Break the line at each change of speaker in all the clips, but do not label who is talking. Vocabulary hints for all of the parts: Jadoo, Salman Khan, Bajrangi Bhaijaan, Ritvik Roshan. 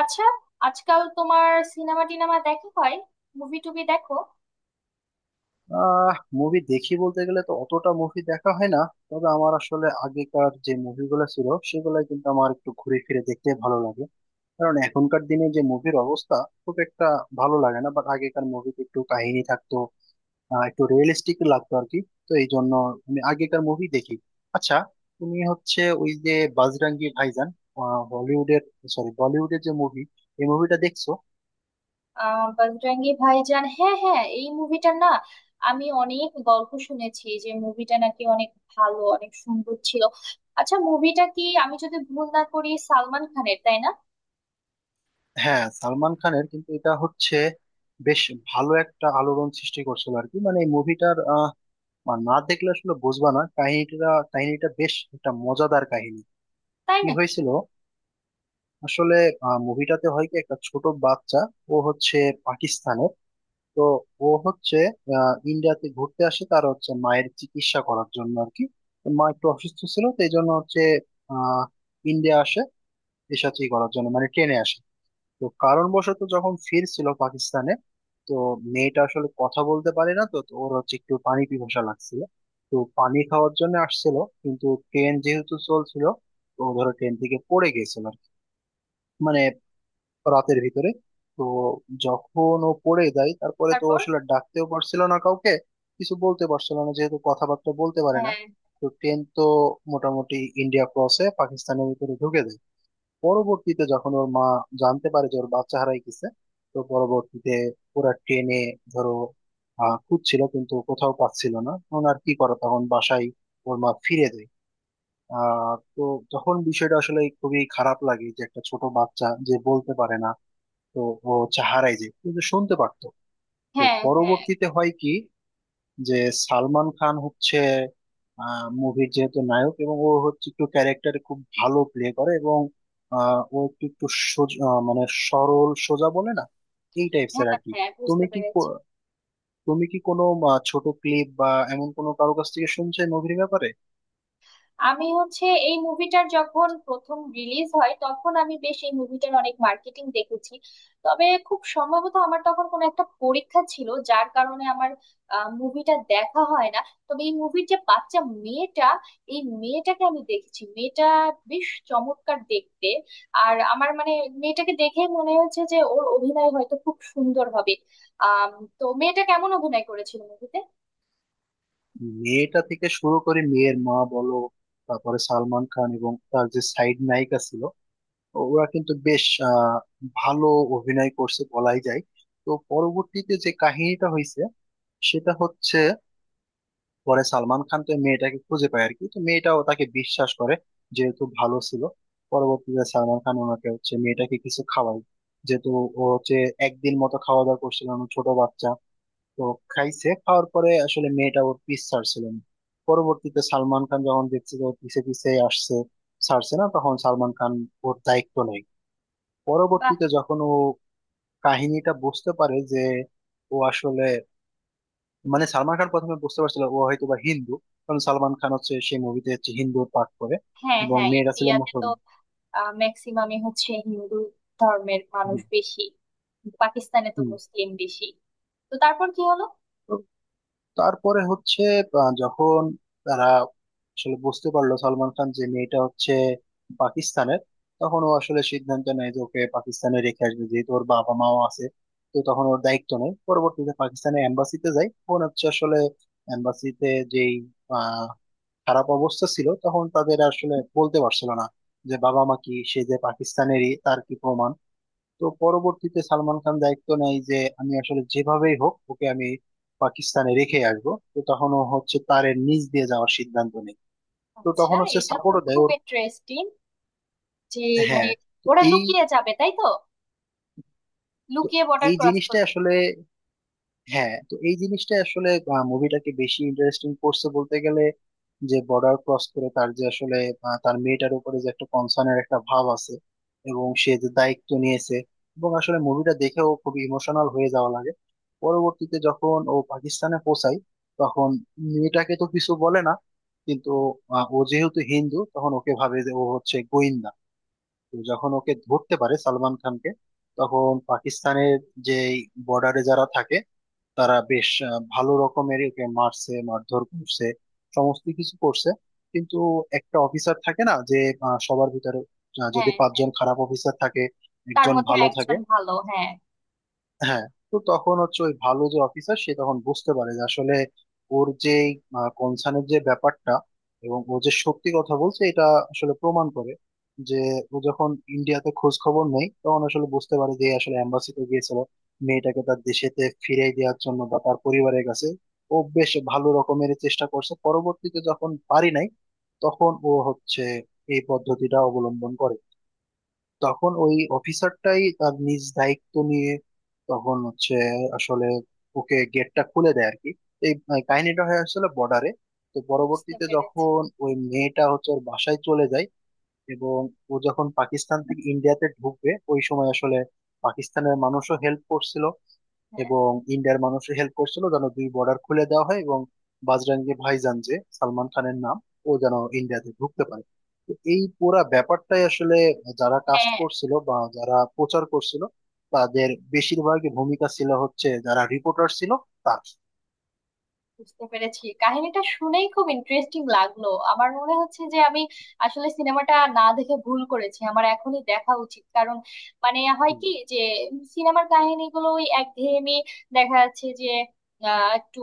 আচ্ছা। আজকাল তোমার সিনেমা টিনেমা দেখা হয়? মুভি টুভি দেখো?
আহ মুভি দেখি বলতে গেলে তো অতটা মুভি দেখা হয় না। তবে আমার আসলে আগেকার যে মুভিগুলো ছিল সেগুলো কিন্তু আমার একটু ঘুরে ফিরে দেখতে ভালো লাগে। কারণ এখনকার দিনে যে মুভির অবস্থা, খুব একটা ভালো লাগে না, বাট আগেকার মুভিতে একটু কাহিনী থাকতো, একটু রিয়েলিস্টিক লাগতো আর কি। তো এই জন্য আমি আগেকার মুভি দেখি। আচ্ছা, তুমি হচ্ছে ওই যে বাজরাঙ্গি ভাইজান, আহ, হলিউডের সরি বলিউডের যে মুভি, এই মুভিটা দেখছো?
বজরঙ্গি ভাইজান, হ্যাঁ হ্যাঁ, এই মুভিটা না আমি অনেক গল্প শুনেছি যে মুভিটা নাকি অনেক ভালো, অনেক সুন্দর ছিল। আচ্ছা, মুভিটা কি আমি যদি ভুল না করি সালমান খানের, তাই না?
হ্যাঁ, সালমান খানের, কিন্তু এটা হচ্ছে বেশ ভালো একটা আলোড়ন সৃষ্টি করছিল আর কি, মানে এই মুভিটার। না দেখলে আসলে বুঝবা না, কাহিনীটা, কাহিনীটা বেশ একটা মজাদার কাহিনী।
তাই
কি
নাকি?
হয়েছিল আসলে মুভিটাতে, হয় কি, একটা ছোট বাচ্চা, ও হচ্ছে পাকিস্তানের। তো ও হচ্ছে ইন্ডিয়াতে ঘুরতে আসে, তার হচ্ছে মায়ের চিকিৎসা করার জন্য আর কি। তো মা একটু অসুস্থ ছিল, তো এই জন্য হচ্ছে আহ ইন্ডিয়া আসে, দেশাচি করার জন্য, মানে ট্রেনে আসে। তো কারণবশত যখন ফিরছিল পাকিস্তানে, তো মেয়েটা আসলে কথা বলতে পারে না, তো তো ওর হচ্ছে একটু পানি পিপাসা লাগছিল, তো পানি খাওয়ার জন্য আসছিল, কিন্তু ট্রেন যেহেতু চলছিল, তো ও ধরো ট্রেন থেকে পড়ে গেছিল আর কি। মানে রাতের ভিতরে। তো যখন ও পড়ে যায় তারপরে তো ও
তারপর?
আসলে ডাকতেও পারছিল না কাউকে, কিছু বলতে পারছিল না যেহেতু কথাবার্তা বলতে পারে না।
হ্যাঁ
তো ট্রেন তো মোটামুটি ইন্ডিয়া ক্রসে পাকিস্তানের ভিতরে ঢুকে যায়। পরবর্তীতে যখন ওর মা জানতে পারে যে ওর বাচ্চা হারাই গেছে, তো পরবর্তীতে ওরা ট্রেনে ধরো খুঁজছিল, কিন্তু কোথাও পাচ্ছিল না, তখন আর কি করে, তখন বাসায় ওর মা ফিরে যায়। তো তখন বিষয়টা আসলে খুবই খারাপ লাগে, যে একটা ছোট বাচ্চা যে বলতে পারে না, তো ও হচ্ছে হারাই যায়, কিন্তু শুনতে পারতো। তো
হ্যাঁ হ্যাঁ
পরবর্তীতে হয় কি, যে সালমান খান হচ্ছে মুভির যেহেতু নায়ক, এবং ও হচ্ছে একটু ক্যারেক্টারে খুব ভালো প্লে করে, এবং আহ, ও একটু একটু সোজা, মানে সরল সোজা বলে না, এই টাইপস
হ্যাঁ
এর আর কি।
হ্যাঁ, বুঝতে
তুমি কি
পেরেছি।
কো- তুমি কি কোনো ছোট ক্লিপ বা এমন কোনো কারো কাছ থেকে শুনছো মুভির ব্যাপারে?
আমি হচ্ছে এই মুভিটার যখন প্রথম রিলিজ হয় তখন আমি বেশ এই মুভিটার অনেক মার্কেটিং দেখেছি। তবে খুব সম্ভবত আমার তখন কোনো একটা পরীক্ষা ছিল যার কারণে আমার মুভিটা দেখা হয় না। তবে এই মুভির যে বাচ্চা মেয়েটা, এই মেয়েটাকে আমি দেখেছি, মেয়েটা বেশ চমৎকার দেখতে। আর আমার মানে মেয়েটাকে দেখে মনে হয়েছে যে ওর অভিনয় হয়তো খুব সুন্দর হবে। আহ তো মেয়েটা কেমন অভিনয় করেছিল মুভিতে?
মেয়েটা থেকে শুরু করে মেয়ের মা বলো, তারপরে সালমান খান এবং তার যে সাইড নায়িকা ছিল, ওরা কিন্তু বেশ আহ, ভালো অভিনয় করছে বলাই যায়। তো পরবর্তীতে যে কাহিনীটা হয়েছে সেটা হচ্ছে, পরে সালমান খান তো মেয়েটাকে খুঁজে পায় আর কি, তো মেয়েটাও তাকে বিশ্বাস করে যেহেতু ভালো ছিল। পরবর্তীতে সালমান খান ওনাকে হচ্ছে মেয়েটাকে কিছু খাওয়ায়, যেহেতু ও হচ্ছে একদিন মতো খাওয়া দাওয়া করছিল, ও ছোট বাচ্চা। তো খাইছে, খাওয়ার পরে আসলে মেয়েটা ওর পিস ছাড়ছিল না। পরবর্তীতে সালমান খান যখন দেখছে যে ও পিছে পিছে আসছে, ছাড়ছে না, তখন সালমান খান ওর দায়িত্ব নেয়।
বাহ।
পরবর্তীতে যখন ও কাহিনীটা বুঝতে পারে যে ও আসলে, মানে সালমান খান প্রথমে বুঝতে পারছিল ও হয়তো বা হিন্দু, কারণ সালমান খান হচ্ছে সেই মুভিতে হচ্ছে হিন্দু পাঠ করে,
হ্যাঁ
এবং
হ্যাঁ,
মেয়েরা ছিল
ইন্ডিয়াতে তো
মুসলমান।
ম্যাক্সিমামই হচ্ছে হিন্দু ধর্মের মানুষ
হুম।
বেশি। পাকিস্তানে তো
হুম।
মুসলিম বেশি। তো তারপর কি হলো?
তো তারপরে হচ্ছে যখন তারা আসলে বুঝতে পারলো সালমান খান যে মেয়েটা হচ্ছে পাকিস্তানের, তখন ও আসলে সিদ্ধান্ত নেয় যে ওকে পাকিস্তানে রেখে আসবে, যেহেতু ওর বাবা মাও আছে। তো তখন ওর দায়িত্ব নেই, পরবর্তীতে পাকিস্তানের এম্বাসিতে যায়, তখন হচ্ছে আসলে এম্বাসিতে যেই খারাপ অবস্থা ছিল, তখন তাদের আসলে বলতে পারছিল না যে বাবা মা কি, সে যে পাকিস্তানেরই তার কি প্রমাণ। তো পরবর্তীতে সালমান খান দায়িত্ব নেয় যে আমি আসলে যেভাবেই হোক ওকে আমি পাকিস্তানে রেখে আসবো, তো তখন ও হচ্ছে তারের নিচ দিয়ে যাওয়ার সিদ্ধান্ত নেয়। তো
আচ্ছা।
তখন হচ্ছে
এটা তো
সাপোর্টও দেয়
খুব
ওর।
ইন্টারেস্টিং যে, মানে
হ্যাঁ। তো
ওরা
এই
লুকিয়ে যাবে, তাই তো?
তো
লুকিয়ে বর্ডার
এই
ক্রস
জিনিসটা
করবে।
আসলে তো এই জিনিসটা আসলে মুভিটাকে বেশি ইন্টারেস্টিং করছে বলতে গেলে, যে বর্ডার ক্রস করে, তার যে আসলে তার মেয়েটার উপরে যে একটা কনসার্নের একটা ভাব আছে এবং সে যে দায়িত্ব নিয়েছে, এবং আসলে মুভিটা দেখেও খুব ইমোশনাল হয়ে যাওয়া লাগে। পরবর্তীতে যখন ও পাকিস্তানে পৌঁছায় তখন মেয়েটাকে তো কিছু বলে না, কিন্তু ও যেহেতু হিন্দু তখন ওকে ভাবে যে ও হচ্ছে গোয়েন্দা। তো যখন ওকে ধরতে পারে সালমান খানকে, তখন পাকিস্তানের যে বর্ডারে যারা থাকে তারা বেশ ভালো রকমের ওকে মারছে, মারধর করছে, সমস্ত কিছু করছে। কিন্তু একটা অফিসার থাকে না যে, সবার ভিতরে, যদি
হ্যাঁ,
পাঁচজন খারাপ অফিসার থাকে
তার
একজন
মধ্যে
ভালো থাকে।
একজন ভালো, হ্যাঁ।
হ্যাঁ। তো তখন হচ্ছে ওই ভালো যে অফিসার, সে তখন বুঝতে পারে যে আসলে ওর যে কনসার্নের যে ব্যাপারটা, এবং ও যে সত্যি কথা বলছে এটা আসলে প্রমাণ করে। যে ও যখন ইন্ডিয়াতে খোঁজ খবর নেই, তখন আসলে বুঝতে পারে যে এ আসলে এম্বাসিতে গিয়েছিল মেয়েটাকে তার দেশেতে ফিরিয়ে দেওয়ার জন্য বা তার পরিবারের কাছে। ও বেশ ভালো রকমের চেষ্টা করছে, পরবর্তীতে যখন পারি নাই তখন ও হচ্ছে এই পদ্ধতিটা অবলম্বন করে। তখন ওই অফিসারটাই তার নিজ দায়িত্ব নিয়ে তখন হচ্ছে আসলে ওকে গেটটা খুলে দেয় আর কি। এই কাহিনীটা হয়ে আসছিল বর্ডারে। তো
বুঝতে
পরবর্তীতে
পেরেছি।
যখন ওই মেয়েটা হচ্ছে ওর বাসায় চলে যায় এবং ও যখন পাকিস্তান থেকে ইন্ডিয়াতে ঢুকবে, ওই সময় আসলে পাকিস্তানের মানুষও হেল্প করছিল
হ্যাঁ
এবং ইন্ডিয়ার মানুষ হেল্প করছিল, যেন দুই বর্ডার খুলে দেওয়া হয় এবং বাজরাঙ্গি ভাইজান যে সালমান খানের নাম, ও যেন ইন্ডিয়াতে ঢুকতে পারে। তো এই পুরা ব্যাপারটাই আসলে যারা কাস্ট
হ্যাঁ,
করছিল বা যারা প্রচার করছিল তাদের বেশিরভাগই ভূমিকা ছিল হচ্ছে যারা রিপোর্টার ছিল তার।
বুঝতে পেরেছি, কাহিনীটা শুনেই খুব ইন্টারেস্টিং লাগলো। আমার মনে হচ্ছে যে আমি আসলে সিনেমাটা না দেখে ভুল করেছি, আমার এখনই দেখা উচিত। কারণ মানে হয়
হুম।
কি যে সিনেমার কাহিনীগুলো ওই একঘেয়েমি, দেখা যাচ্ছে যে একটু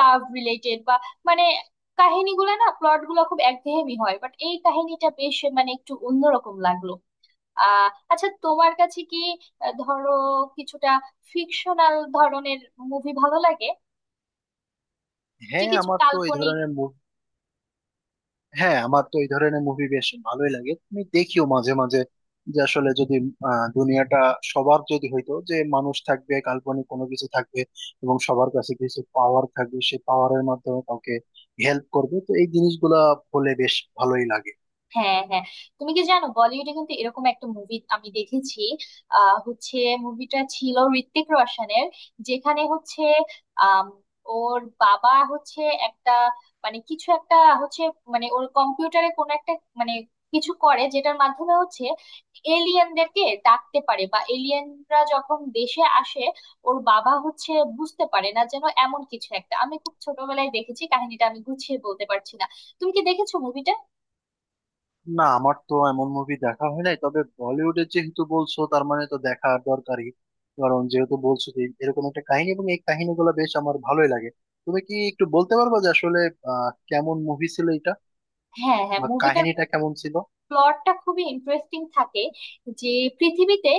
লাভ রিলেটেড বা মানে কাহিনীগুলো না প্লট গুলো খুব একঘেয়েমি হয়, বাট এই কাহিনীটা বেশ মানে একটু অন্যরকম লাগলো। আহ আচ্ছা, তোমার কাছে কি ধরো কিছুটা ফিকশনাল ধরনের মুভি ভালো লাগে? যে
হ্যাঁ
কিছু
আমার তো এই
কাল্পনিক?
ধরনের হ্যাঁ, আমার তো এই ধরনের মুভি বেশ ভালোই লাগে, তুমি দেখিও মাঝে মাঝে। যে আসলে যদি দুনিয়াটা সবার যদি হইতো যে মানুষ থাকবে, কাল্পনিক কোনো কিছু থাকবে, এবং সবার কাছে কিছু পাওয়ার থাকবে, সেই পাওয়ারের মাধ্যমে কাউকে হেল্প করবে, তো এই জিনিসগুলা হলে বেশ ভালোই লাগে।
হ্যাঁ হ্যাঁ, তুমি কি জানো বলিউডে কিন্তু এরকম একটা মুভি আমি দেখেছি। হচ্ছে মুভিটা ছিল ঋত্বিক রোশনের, যেখানে হচ্ছে আম, ওর বাবা হচ্ছে একটা, মানে কিছু একটা হচ্ছে, মানে ওর কম্পিউটারে কোনো একটা, মানে কিছু করে যেটার মাধ্যমে হচ্ছে এলিয়েনদেরকে ডাকতে পারে বা এলিয়েনরা যখন দেশে আসে ওর বাবা হচ্ছে বুঝতে পারে না, যেন এমন কিছু একটা। আমি খুব ছোটবেলায় দেখেছি, কাহিনীটা আমি গুছিয়ে বলতে পারছি না। তুমি কি দেখেছো মুভিটা?
না, আমার তো এমন মুভি দেখা হয় নাই, তবে বলিউডের যেহেতু বলছো তার মানে তো দেখা দরকারই। কারণ যেহেতু বলছো যে এরকম একটা কাহিনী, এবং এই কাহিনীগুলো বেশ আমার ভালোই লাগে। তুমি কি একটু বলতে পারবা যে আসলে কেমন মুভি ছিল এটা
হ্যাঁ হ্যাঁ,
বা
মুভিটার
কাহিনীটা কেমন ছিল?
প্লটটা খুবই ইন্টারেস্টিং থাকে, যে পৃথিবীতে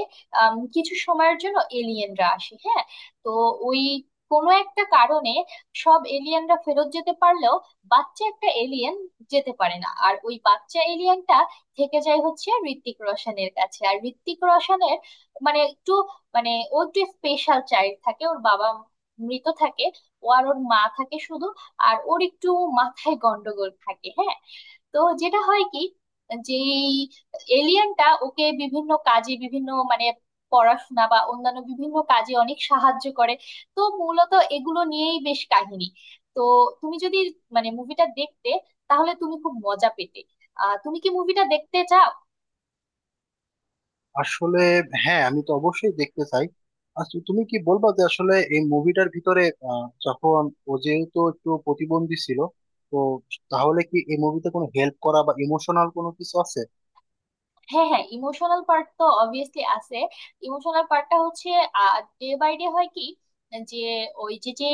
কিছু সময়ের জন্য এলিয়েনরা আসে, হ্যাঁ। তো ওই কোনো একটা কারণে সব এলিয়েনরা ফেরত যেতে পারলেও বাচ্চা একটা এলিয়েন যেতে পারে না, আর ওই বাচ্চা এলিয়েনটা থেকে যায় হচ্ছে ঋত্বিক রোশনের কাছে। আর ঋত্বিক রোশনের মানে একটু, মানে ও একটু স্পেশাল চাইল্ড থাকে, ওর বাবা মৃত থাকে, ও আর ওর মা থাকে শুধু। আর ওর একটু মাথায় গন্ডগোল থাকে, হ্যাঁ। তো যেটা হয় কি, যে এলিয়েনটা ওকে বিভিন্ন কাজে, বিভিন্ন মানে পড়াশোনা বা অন্যান্য বিভিন্ন কাজে অনেক সাহায্য করে। তো মূলত এগুলো নিয়েই বেশ কাহিনী। তো তুমি যদি মানে মুভিটা দেখতে তাহলে তুমি খুব মজা পেতে। তুমি কি মুভিটা দেখতে চাও?
আসলে, হ্যাঁ, আমি তো অবশ্যই দেখতে চাই। আচ্ছা, তুমি কি বলবা যে আসলে এই মুভিটার ভিতরে, যখন ও যেহেতু একটু প্রতিবন্ধী ছিল, তো তাহলে কি এই মুভিতে কোনো হেল্প করা বা ইমোশনাল কোনো কিছু আছে?
হ্যাঁ হ্যাঁ, ইমোশনাল পার্ট তো অবভিয়াসলি আছে। ইমোশনাল পার্টটা হচ্ছে ডে বাই ডে হয় কি, যে ওই যে যে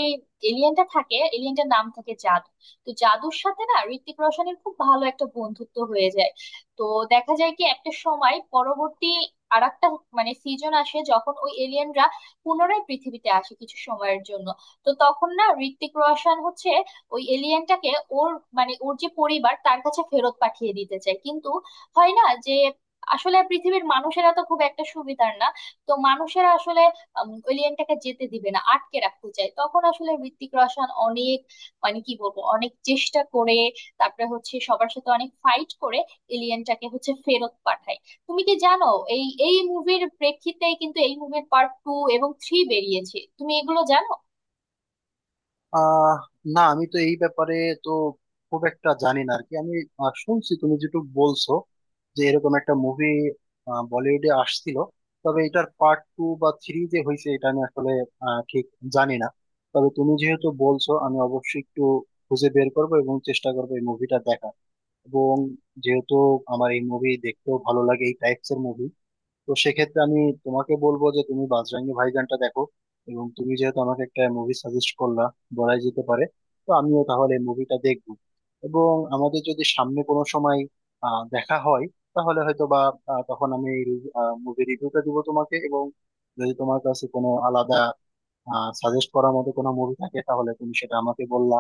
এলিয়েনটা থাকে, এলিয়েনটার নাম থাকে জাদু। তো জাদুর সাথে না ঋত্বিক রোশনের খুব ভালো একটা বন্ধুত্ব হয়ে যায়। তো দেখা যায় কি একটা সময় পরবর্তী, আর একটা মানে সিজন আসে যখন ওই এলিয়েনরা পুনরায় পৃথিবীতে আসে কিছু সময়ের জন্য। তো তখন না ঋত্বিক রোশন হচ্ছে ওই এলিয়েনটাকে ওর, মানে ওর যে পরিবার তার কাছে ফেরত পাঠিয়ে দিতে চায়, কিন্তু হয় না। যে আসলে পৃথিবীর মানুষেরা তো খুব একটা সুবিধার না, তো মানুষেরা আসলে এলিয়েনটাকে যেতে দিবে না, আটকে রাখতে চায়। তখন আসলে ঋত্বিক রোশন অনেক, মানে কি বলবো, অনেক চেষ্টা করে, তারপরে হচ্ছে সবার সাথে অনেক ফাইট করে এলিয়েনটাকে হচ্ছে ফেরত পাঠায়। তুমি কি জানো এই এই মুভির প্রেক্ষিতেই কিন্তু এই মুভির পার্ট টু এবং থ্রি বেরিয়েছে? তুমি এগুলো জানো?
আহ না, আমি তো এই ব্যাপারে তো খুব একটা জানি না আর কি। আমি শুনছি তুমি যেটুকু বলছো যে এরকম একটা মুভি বলিউডে আসছিল, তবে এটার পার্ট টু বা থ্রি যে হয়েছে এটা আমি আসলে ঠিক জানি না। তবে তুমি যেহেতু বলছো আমি অবশ্যই একটু খুঁজে বের করবো এবং চেষ্টা করবো এই মুভিটা দেখার। এবং যেহেতু আমার এই মুভি দেখতেও ভালো লাগে, এই টাইপস এর মুভি, তো সেক্ষেত্রে আমি তোমাকে বলবো যে তুমি বাজরাঙ্গি ভাইজানটা দেখো। এবং তুমি যেহেতু আমাকে একটা মুভি সাজেস্ট করলা বলাই যেতে পারে, তো আমিও তাহলে মুভিটা দেখবো। এবং আমাদের যদি সামনে কোনো সময় দেখা হয় তাহলে হয়তো বা তখন আমি মুভি রিভিউটা দিব তোমাকে, এবং যদি তোমার কাছে কোনো আলাদা সাজেস্ট করার মতো কোনো মুভি থাকে তাহলে তুমি সেটা আমাকে বললা।